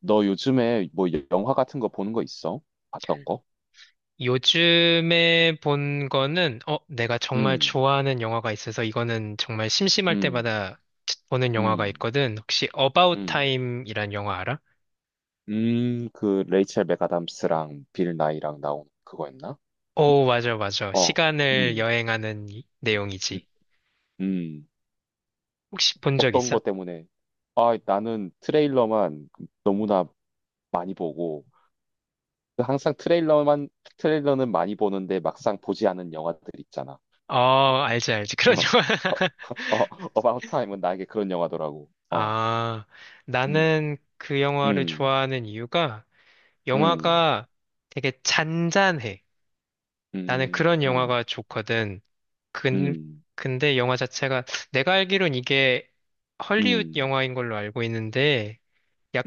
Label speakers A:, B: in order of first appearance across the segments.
A: 너 요즘에 뭐 영화 같은 거 보는 거 있어? 봤던 거?
B: 요즘에 본 거는, 내가 정말
A: 음,
B: 좋아하는 영화가 있어서 이거는 정말 심심할
A: 음,
B: 때마다 보는 영화가
A: 음,
B: 있거든. 혹시 About
A: 음,
B: Time이란 영화 알아?
A: 그 레이첼 맥아담스랑 빌 나이랑 나온 그거였나?
B: 오, 맞아, 맞아.
A: 어,
B: 시간을
A: 음,
B: 여행하는
A: 음,
B: 내용이지.
A: 음.
B: 혹시 본 적
A: 어떤
B: 있어?
A: 거 때문에? 아, 나는 트레일러만 너무나 많이 보고 그 항상 트레일러만 트레일러는 많이 보는데 막상 보지 않은 영화들 있잖아.
B: 어, 알지, 알지.
A: 어,
B: 그런 영화.
A: 어, 어, 어, About Time은 나에게 그런 영화더라고. 어,
B: 아,
A: 음,
B: 나는 그 영화를
A: 음,
B: 좋아하는 이유가
A: 음.
B: 영화가 되게 잔잔해. 나는
A: 음,
B: 그런
A: 음,
B: 영화가 좋거든. 근,
A: 음,
B: 근데 영화 자체가 내가 알기론 이게 헐리우드
A: 음,
B: 영화인 걸로 알고 있는데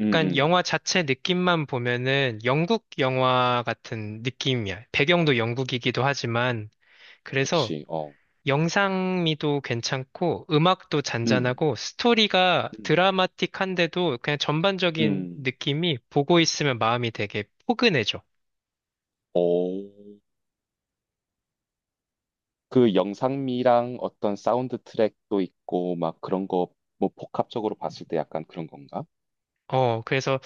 A: 음, 음.
B: 영화 자체 느낌만 보면은 영국 영화 같은 느낌이야. 배경도 영국이기도 하지만 그래서
A: 그치, 어,
B: 영상미도 괜찮고 음악도
A: 음,
B: 잔잔하고 스토리가
A: 음,
B: 드라마틱한데도 그냥 전반적인
A: 음.
B: 느낌이 보고 있으면 마음이 되게 포근해져.
A: 오, 그 영상미랑 어떤 사운드 트랙도 있고, 막 그런 거, 뭐 복합적으로 봤을 때 약간 그런 건가?
B: 그래서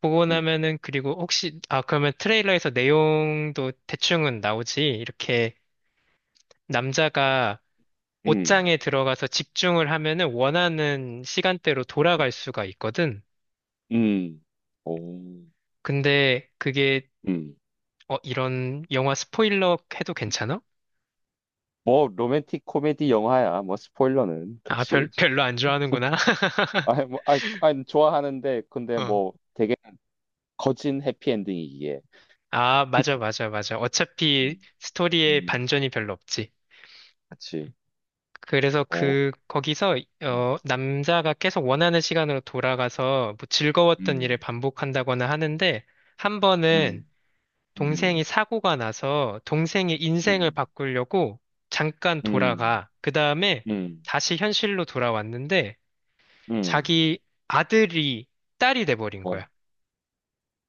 B: 보고
A: 음,
B: 나면은 그리고 혹시 아 그러면 트레일러에서 내용도 대충은 나오지 이렇게 남자가
A: 음,
B: 옷장에 들어가서 집중을 하면은 원하는 시간대로 돌아갈 수가 있거든.
A: 음, 오,
B: 근데 그게
A: 음.
B: 이런 영화 스포일러 해도 괜찮아?
A: 뭐 로맨틱 코미디 영화야, 뭐 스포일러는,
B: 아
A: 그치.
B: 별로 안 좋아하는구나.
A: 아, 뭐, 아, 좋아하는데, 근데
B: 어.
A: 뭐 되게 거진 해피엔딩이기에.
B: 아 맞아 맞아 맞아. 어차피
A: 음,
B: 스토리에
A: 음.
B: 반전이 별로 없지.
A: 그치.
B: 그래서
A: 어.
B: 그, 거기서,
A: 음.
B: 남자가 계속 원하는 시간으로 돌아가서 뭐 즐거웠던 일을
A: 음,
B: 반복한다거나 하는데, 한 번은
A: 음,
B: 동생이
A: 음,
B: 사고가 나서 동생의 인생을
A: 음,
B: 바꾸려고 잠깐
A: 음,
B: 돌아가. 그 다음에
A: 음,
B: 다시 현실로 돌아왔는데,
A: 음,
B: 자기 아들이 딸이 돼버린
A: 어,
B: 거야.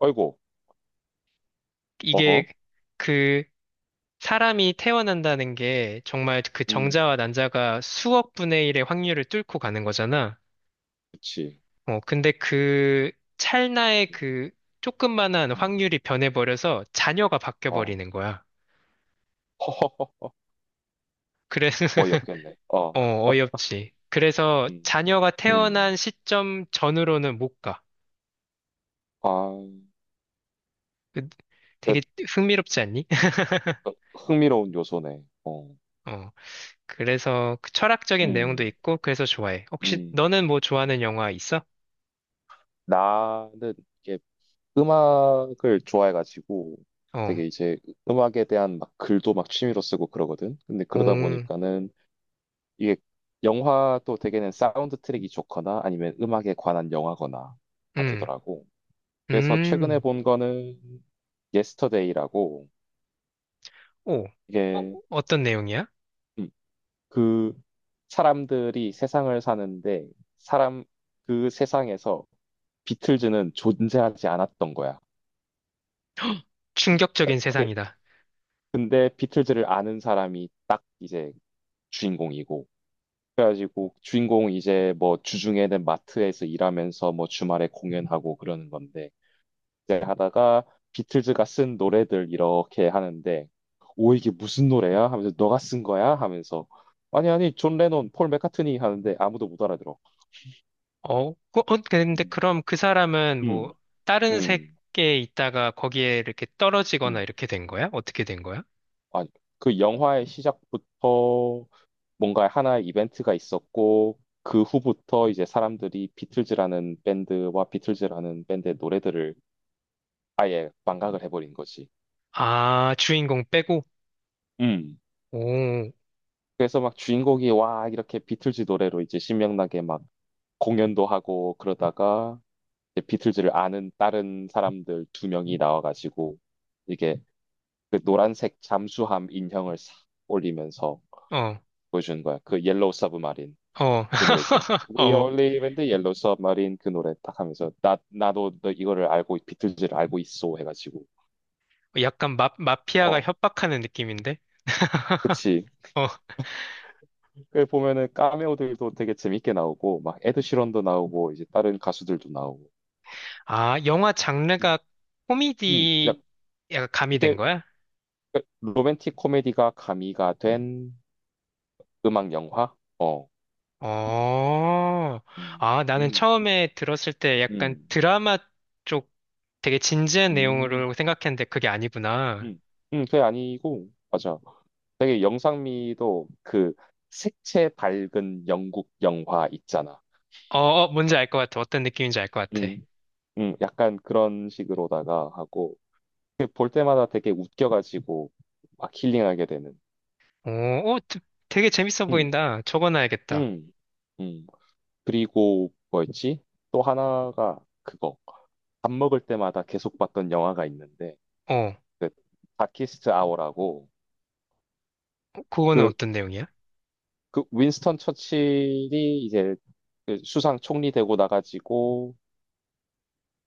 A: 아이고, 어허,
B: 이게 그 사람이 태어난다는 게 정말 그
A: 음,
B: 정자와 난자가 수억 분의 일의 확률을 뚫고 가는 거잖아.
A: 그치,
B: 근데 그 찰나의
A: 음,
B: 그 조금만한
A: 음,
B: 확률이 변해버려서 자녀가
A: 어, 허허허,
B: 바뀌어버리는 거야. 그래서,
A: 어이없겠네, 어,
B: 어, 어이없지. 그래서
A: 음,
B: 자녀가
A: 음,
B: 태어난 시점 전으로는 못 가.
A: 아,
B: 그-
A: 그,
B: 되게 흥미롭지 않니?
A: 그 흥미로운 요소네, 어,
B: 어, 그래서 그 철학적인 내용도
A: 음,
B: 있고, 그래서 좋아해. 혹시
A: 음,
B: 너는 뭐 좋아하는 영화 있어?
A: 나는 이게 음악을 좋아해가지고
B: 어,
A: 되게 이제 음악에 대한 막 글도 막 취미로 쓰고 그러거든. 근데
B: 오,
A: 그러다 보니까는 이게 영화도 되게는 사운드 트랙이 좋거나 아니면 음악에 관한 영화거나가
B: 음,
A: 되더라고. 그래서 최근에
B: 음,
A: 본 거는 예스터데이라고
B: 오, 어,
A: 이게
B: 어떤 내용이야?
A: 음, 그 사람들이 세상을 사는데 사람 그 세상에서 비틀즈는 존재하지 않았던 거야. 어,
B: 충격적인 세상이다.
A: 근데 비틀즈를 아는 사람이 딱 이제 주인공이고 그래가지고 주인공 이제 뭐 주중에는 마트에서 일하면서 뭐 주말에 공연하고 그러는 건데 이제 하다가 비틀즈가 쓴 노래들 이렇게 하는데 오 이게 무슨 노래야? 하면서 너가 쓴 거야? 하면서 아니 아니 존 레논, 폴 맥카트니 하는데 아무도 못 알아들어.
B: 어, 근데
A: 음,
B: 그럼 그 사람은 뭐
A: 음,
B: 다른
A: 음.
B: 세계에 있다가 거기에 이렇게 떨어지거나
A: 음.
B: 이렇게 된 거야? 어떻게 된 거야?
A: 아니 그 영화의 시작부터 뭔가 하나의 이벤트가 있었고 그 후부터 이제 사람들이 비틀즈라는 밴드와 비틀즈라는 밴드의 노래들을 아예 망각을 해버린 거지.
B: 아, 주인공 빼고?
A: 음.
B: 오,
A: 그래서 막 주인공이 와 이렇게 비틀즈 노래로 이제 신명나게 막 공연도 하고 그러다가 이제 비틀즈를 아는 다른 사람들 두 명이 나와가지고 이게 그 노란색 잠수함 인형을 싹 올리면서
B: 어,
A: 보여주는 거야. 그 옐로우 서브마린
B: 어,
A: 그 노래 있잖아. We
B: 어,
A: only live in the yellow submarine 그 노래 딱 하면서 나 나도 너 이거를 알고 비틀즈를 알고 있어 해가지고
B: 약간 마피아가
A: 어
B: 협박하는 느낌인데?
A: 그치.
B: 어,
A: 그 보면은 카메오들도 되게 재밌게 나오고 막 에드 시런도 나오고 이제 다른 가수들도 나오고.
B: 아, 영화
A: 음,
B: 장르가
A: 약
B: 코미디 약간 가미된
A: 이게
B: 거야?
A: 그 로맨틱 코미디가 가미가 된 음악 영화? 어.
B: 어,
A: 음.
B: 아, 나는
A: 음.
B: 처음에 들었을 때 약간
A: 음.
B: 드라마 쪽 되게 진지한
A: 음.
B: 내용으로 생각했는데 그게 아니구나.
A: 음. 그게 아니고 맞아. 되게 영상미도 그 색채 밝은 영국 영화 있잖아.
B: 어, 어, 뭔지 알 것 같아. 어떤 느낌인지 알 것 같아.
A: 음. 음. 약간 그런 식으로다가 하고 그볼 때마다 되게 웃겨가지고 막 힐링하게 되는.
B: 어, 어, 드- 되게 재밌어
A: 음.
B: 보인다. 적어놔야겠다.
A: 음. 음. 그리고 뭐였지? 또 하나가 그거. 밥 먹을 때마다 계속 봤던 영화가 있는데
B: 어, 어,
A: 그 다키스트 아워라고
B: 그거는
A: 그
B: 어떤 내용이야?
A: 그 윈스턴 처칠이 이제 그 수상 총리 되고 나가지고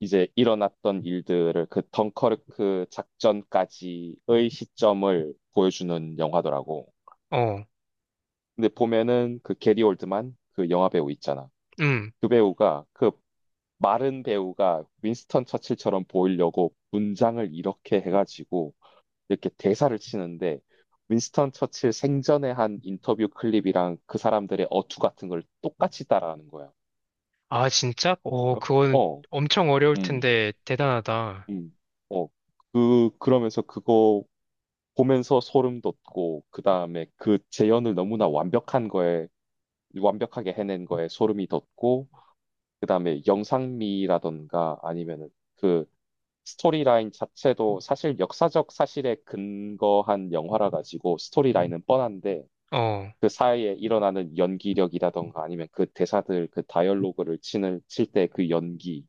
A: 이제 일어났던 일들을 그 덩커르크 작전까지의 시점을 보여주는 영화더라고.
B: 어,
A: 근데 보면은 그 게리 올드만 그 영화 배우 있잖아.
B: 음.
A: 그 배우가 그 마른 배우가 윈스턴 처칠처럼 보이려고 문장을 이렇게 해가지고 이렇게 대사를 치는데 윈스턴 처칠 생전에 한 인터뷰 클립이랑 그 사람들의 어투 같은 걸 똑같이 따라하는 거야.
B: 아, 진짜? 어,
A: 어,
B: 그거는
A: 어,
B: 엄청 어려울
A: 음,
B: 텐데 대단하다.
A: 음, 어, 그러면서 그거 보면서 소름 돋고, 그 다음에 그 재현을 너무나 완벽한 거에, 완벽하게 해낸 거에 소름이 돋고, 그 다음에 영상미라던가 아니면은 그 스토리라인 자체도 사실 역사적 사실에 근거한 영화라 가지고 스토리라인은 뻔한데,
B: 어,
A: 그 사이에 일어나는 연기력이라던가 아니면 그 대사들, 그 다이얼로그를 치는, 칠 때 그 연기,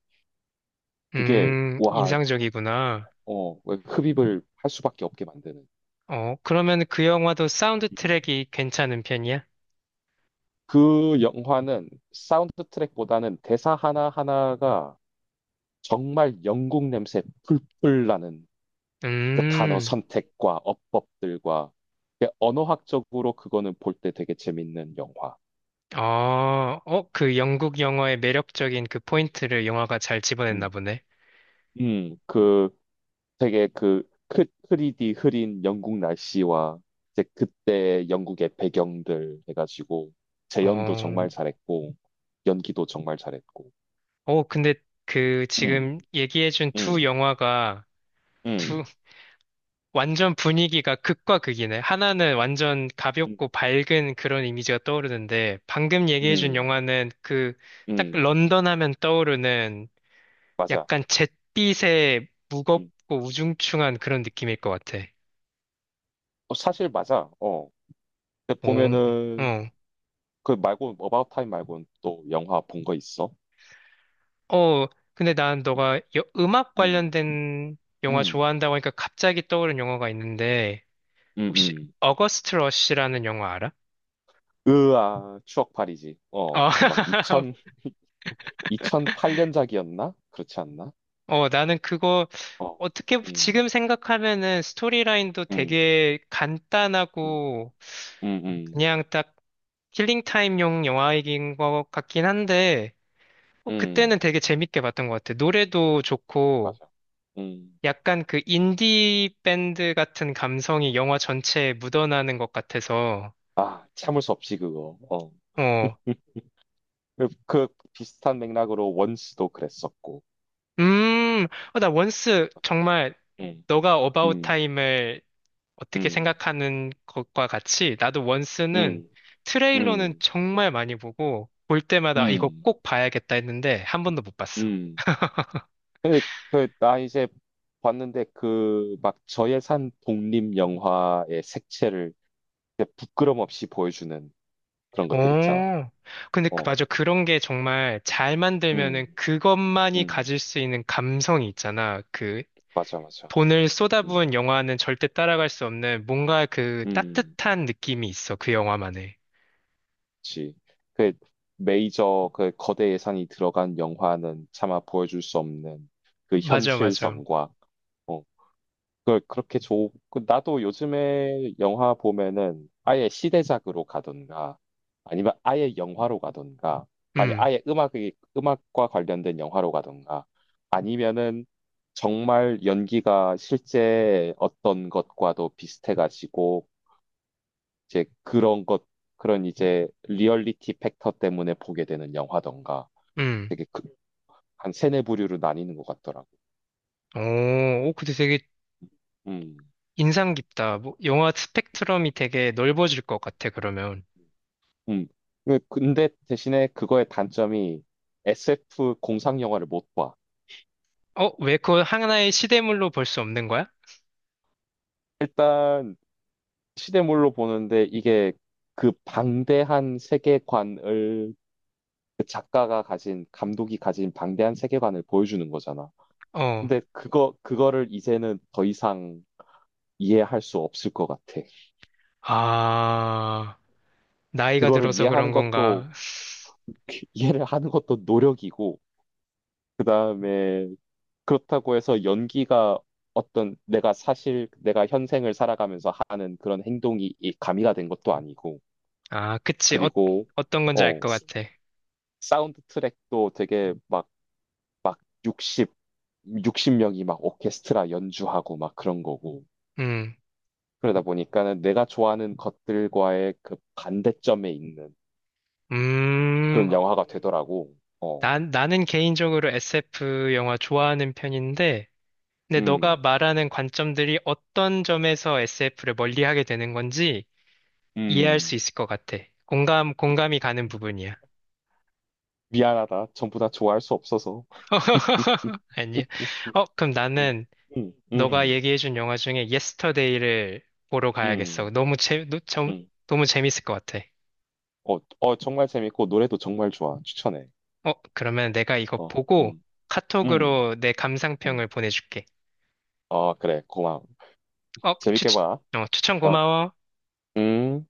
A: 그게, 와,
B: 인상적이구나.
A: 어, 왜 흡입을 할 수밖에 없게 만드는.
B: 어, 그러면 그 영화도 사운드
A: 음.
B: 트랙이 괜찮은 편이야?
A: 그 영화는 사운드 트랙보다는 대사 하나하나가 정말 영국 냄새 풀풀 나는 그 단어
B: 음.
A: 선택과 어법들과 그 언어학적으로 그거는 볼 때 되게 재밌는 영화.
B: 아, 어, 그 영국 영화의 매력적인 그 포인트를 영화가 잘 집어냈나
A: 음,
B: 보네.
A: 그 되게 그 흐리디 흐린 영국 날씨와 이제 그때 영국의 배경들 해가지고 재연도
B: 어,
A: 정말 잘했고 연기도 정말 잘했고.
B: 어, 근데 그
A: 음.
B: 지금 얘기해준 두
A: 음,
B: 영화가 두,
A: 음,
B: 완전 분위기가 극과 극이네. 하나는 완전
A: 음.
B: 가볍고 밝은 그런 이미지가 떠오르는데, 방금 얘기해준
A: 음,
B: 영화는 그
A: 음,
B: 딱
A: 음,
B: 런던 하면 떠오르는
A: 맞아.
B: 약간 잿빛의
A: 음.
B: 무겁고 우중충한 그런 느낌일 것 같아.
A: 어, 사실 맞아. 어. 근데
B: 오,
A: 보면은
B: 어.
A: 그 말고 어바웃 타임 말고는 또 영화 본 거 있어?
B: 어, 근데 난 너가 음악
A: 음,
B: 관련된 영화
A: 음,
B: 좋아한다고 하니까 갑자기 떠오른 영화가 있는데,
A: 음,
B: 혹시
A: 음.
B: 어거스트 러시라는 영화 알아?
A: 으아, 추억팔이지. 어,
B: 어,
A: 그 막 2000, 2008년작이었나? 그렇지 않나?
B: 어, 나는 그거
A: 어,
B: 지금
A: 음,
B: 생각하면은 스토리라인도
A: 음,
B: 되게
A: 음,
B: 간단하고
A: 음, 음,
B: 그냥 딱 킬링 타임용 영화이긴 것 같긴 한데, 어, 그때는
A: 음,
B: 되게 재밌게 봤던 것 같아. 노래도 좋고,
A: 맞아. 음,
B: 약간 그 인디 밴드 같은 감성이 영화 전체에 묻어나는 것 같아서,
A: 아, 참을 수 없이 그거. 어,
B: 어,
A: 그 비슷한 맥락으로 원스도 그랬었고.
B: 음, 어, 나 원스 정말
A: 음,
B: 너가 어바웃
A: 음.
B: 타임을 어떻게
A: 음,
B: 생각하는 것과 같이 나도 원스는
A: 음,
B: 트레일러는
A: 음,
B: 정말 많이 보고 볼 때마다 아, 이거
A: 음.
B: 꼭 봐야겠다 했는데 한 번도 못 봤어.
A: 음. 근데 그, 나 이제 봤는데 그 막 저예산 독립 영화의 색채를 이제 부끄럼 없이 보여주는 그런 것들 있잖아.
B: 오, 근데 그,
A: 어,
B: 맞아. 그런 게 정말 잘 만들면은
A: 음,
B: 그것만이
A: 음,
B: 가질 수 있는 감성이 있잖아. 그
A: 맞아, 맞아.
B: 돈을
A: 음,
B: 쏟아부은 영화는 절대 따라갈 수 없는 뭔가 그
A: 음,
B: 따뜻한 느낌이 있어, 그 영화만의.
A: 그치. 그 메이저 그 거대 예산이 들어간 영화는 차마 보여줄 수 없는 그
B: 맞아, 맞아.
A: 현실성과 어, 그 그렇게 좋 그 나도 요즘에 영화 보면은 아예 시대작으로 가던가 아니면 아예 영화로 가던가 아니
B: 음,
A: 아예 음악이 음악과 관련된 영화로 가던가 아니면은 정말 연기가 실제 어떤 것과도 비슷해가지고 이제 그런 것 그런 이제 리얼리티 팩터 때문에 보게 되는 영화던가
B: 음.
A: 되게 그, 한 세네 부류로 나뉘는 것 같더라고.
B: 오, 오, 근데 되게
A: 음.
B: 인상 깊다. 뭐, 영화 스펙트럼이 되게 넓어질 것 같아, 그러면.
A: 음. 근데 대신에 그거의 단점이 SF 공상 영화를 못 봐.
B: 어, 왜 그걸 하나의 시대물로 볼 수 없는 거야?
A: 일단 시대물로 보는데 이게 그 방대한 세계관을 그 작가가 가진, 감독이 가진 방대한 세계관을 보여주는 거잖아.
B: 어.
A: 근데 그거를 이제는 더 이상 이해할 수 없을 것 같아.
B: 아, 나이가
A: 그거를
B: 들어서 그런
A: 이해하는 것도,
B: 건가?
A: 이해를 하는 것도 노력이고, 그 다음에 그렇다고 해서 연기가 어떤 내가 사실 내가 현생을 살아가면서 하는 그런 행동이 이 가미가 된 것도 아니고
B: 아, 그치. 어,
A: 그리고
B: 어떤 건지 알
A: 어
B: 것
A: 스-
B: 같아.
A: 사운드 트랙도 되게 막 막 60, 육십 명이 막 오케스트라 연주하고 막 그런 거고
B: 음,
A: 그러다 보니까는 내가 좋아하는 것들과의 그 반대점에 있는
B: 음,
A: 그런 영화가 되더라고. 어,
B: 나는 개인적으로 SF 영화 좋아하는 편인데, 근데 너가
A: 음,
B: 말하는 관점들이 어떤 점에서 SF를 멀리하게 되는 건지 이해할 수
A: 음,
B: 있을 것 같아. 공감이 가는 부분이야.
A: 미안하다. 전부 다 좋아할 수 없어서.
B: 아니야. 어, 그럼
A: 음,
B: 나는
A: 음,
B: 너가
A: 음,
B: 얘기해준 영화 중에 예스터데이를 보러 가야겠어.
A: 음.
B: 너무
A: 음.
B: 너무 재밌을 것 같아.
A: 어, 어, 정말 재밌고, 노래도 정말 좋아. 추천해.
B: 어, 그러면 내가 이거
A: 어,
B: 보고
A: 음, 음,
B: 카톡으로 내 감상평을
A: 음.
B: 보내줄게.
A: 어, 그래, 고마워.
B: 어, 추,
A: 재밌게
B: 추-
A: 봐.
B: 어, 추천
A: 어,
B: 고마워.
A: 음.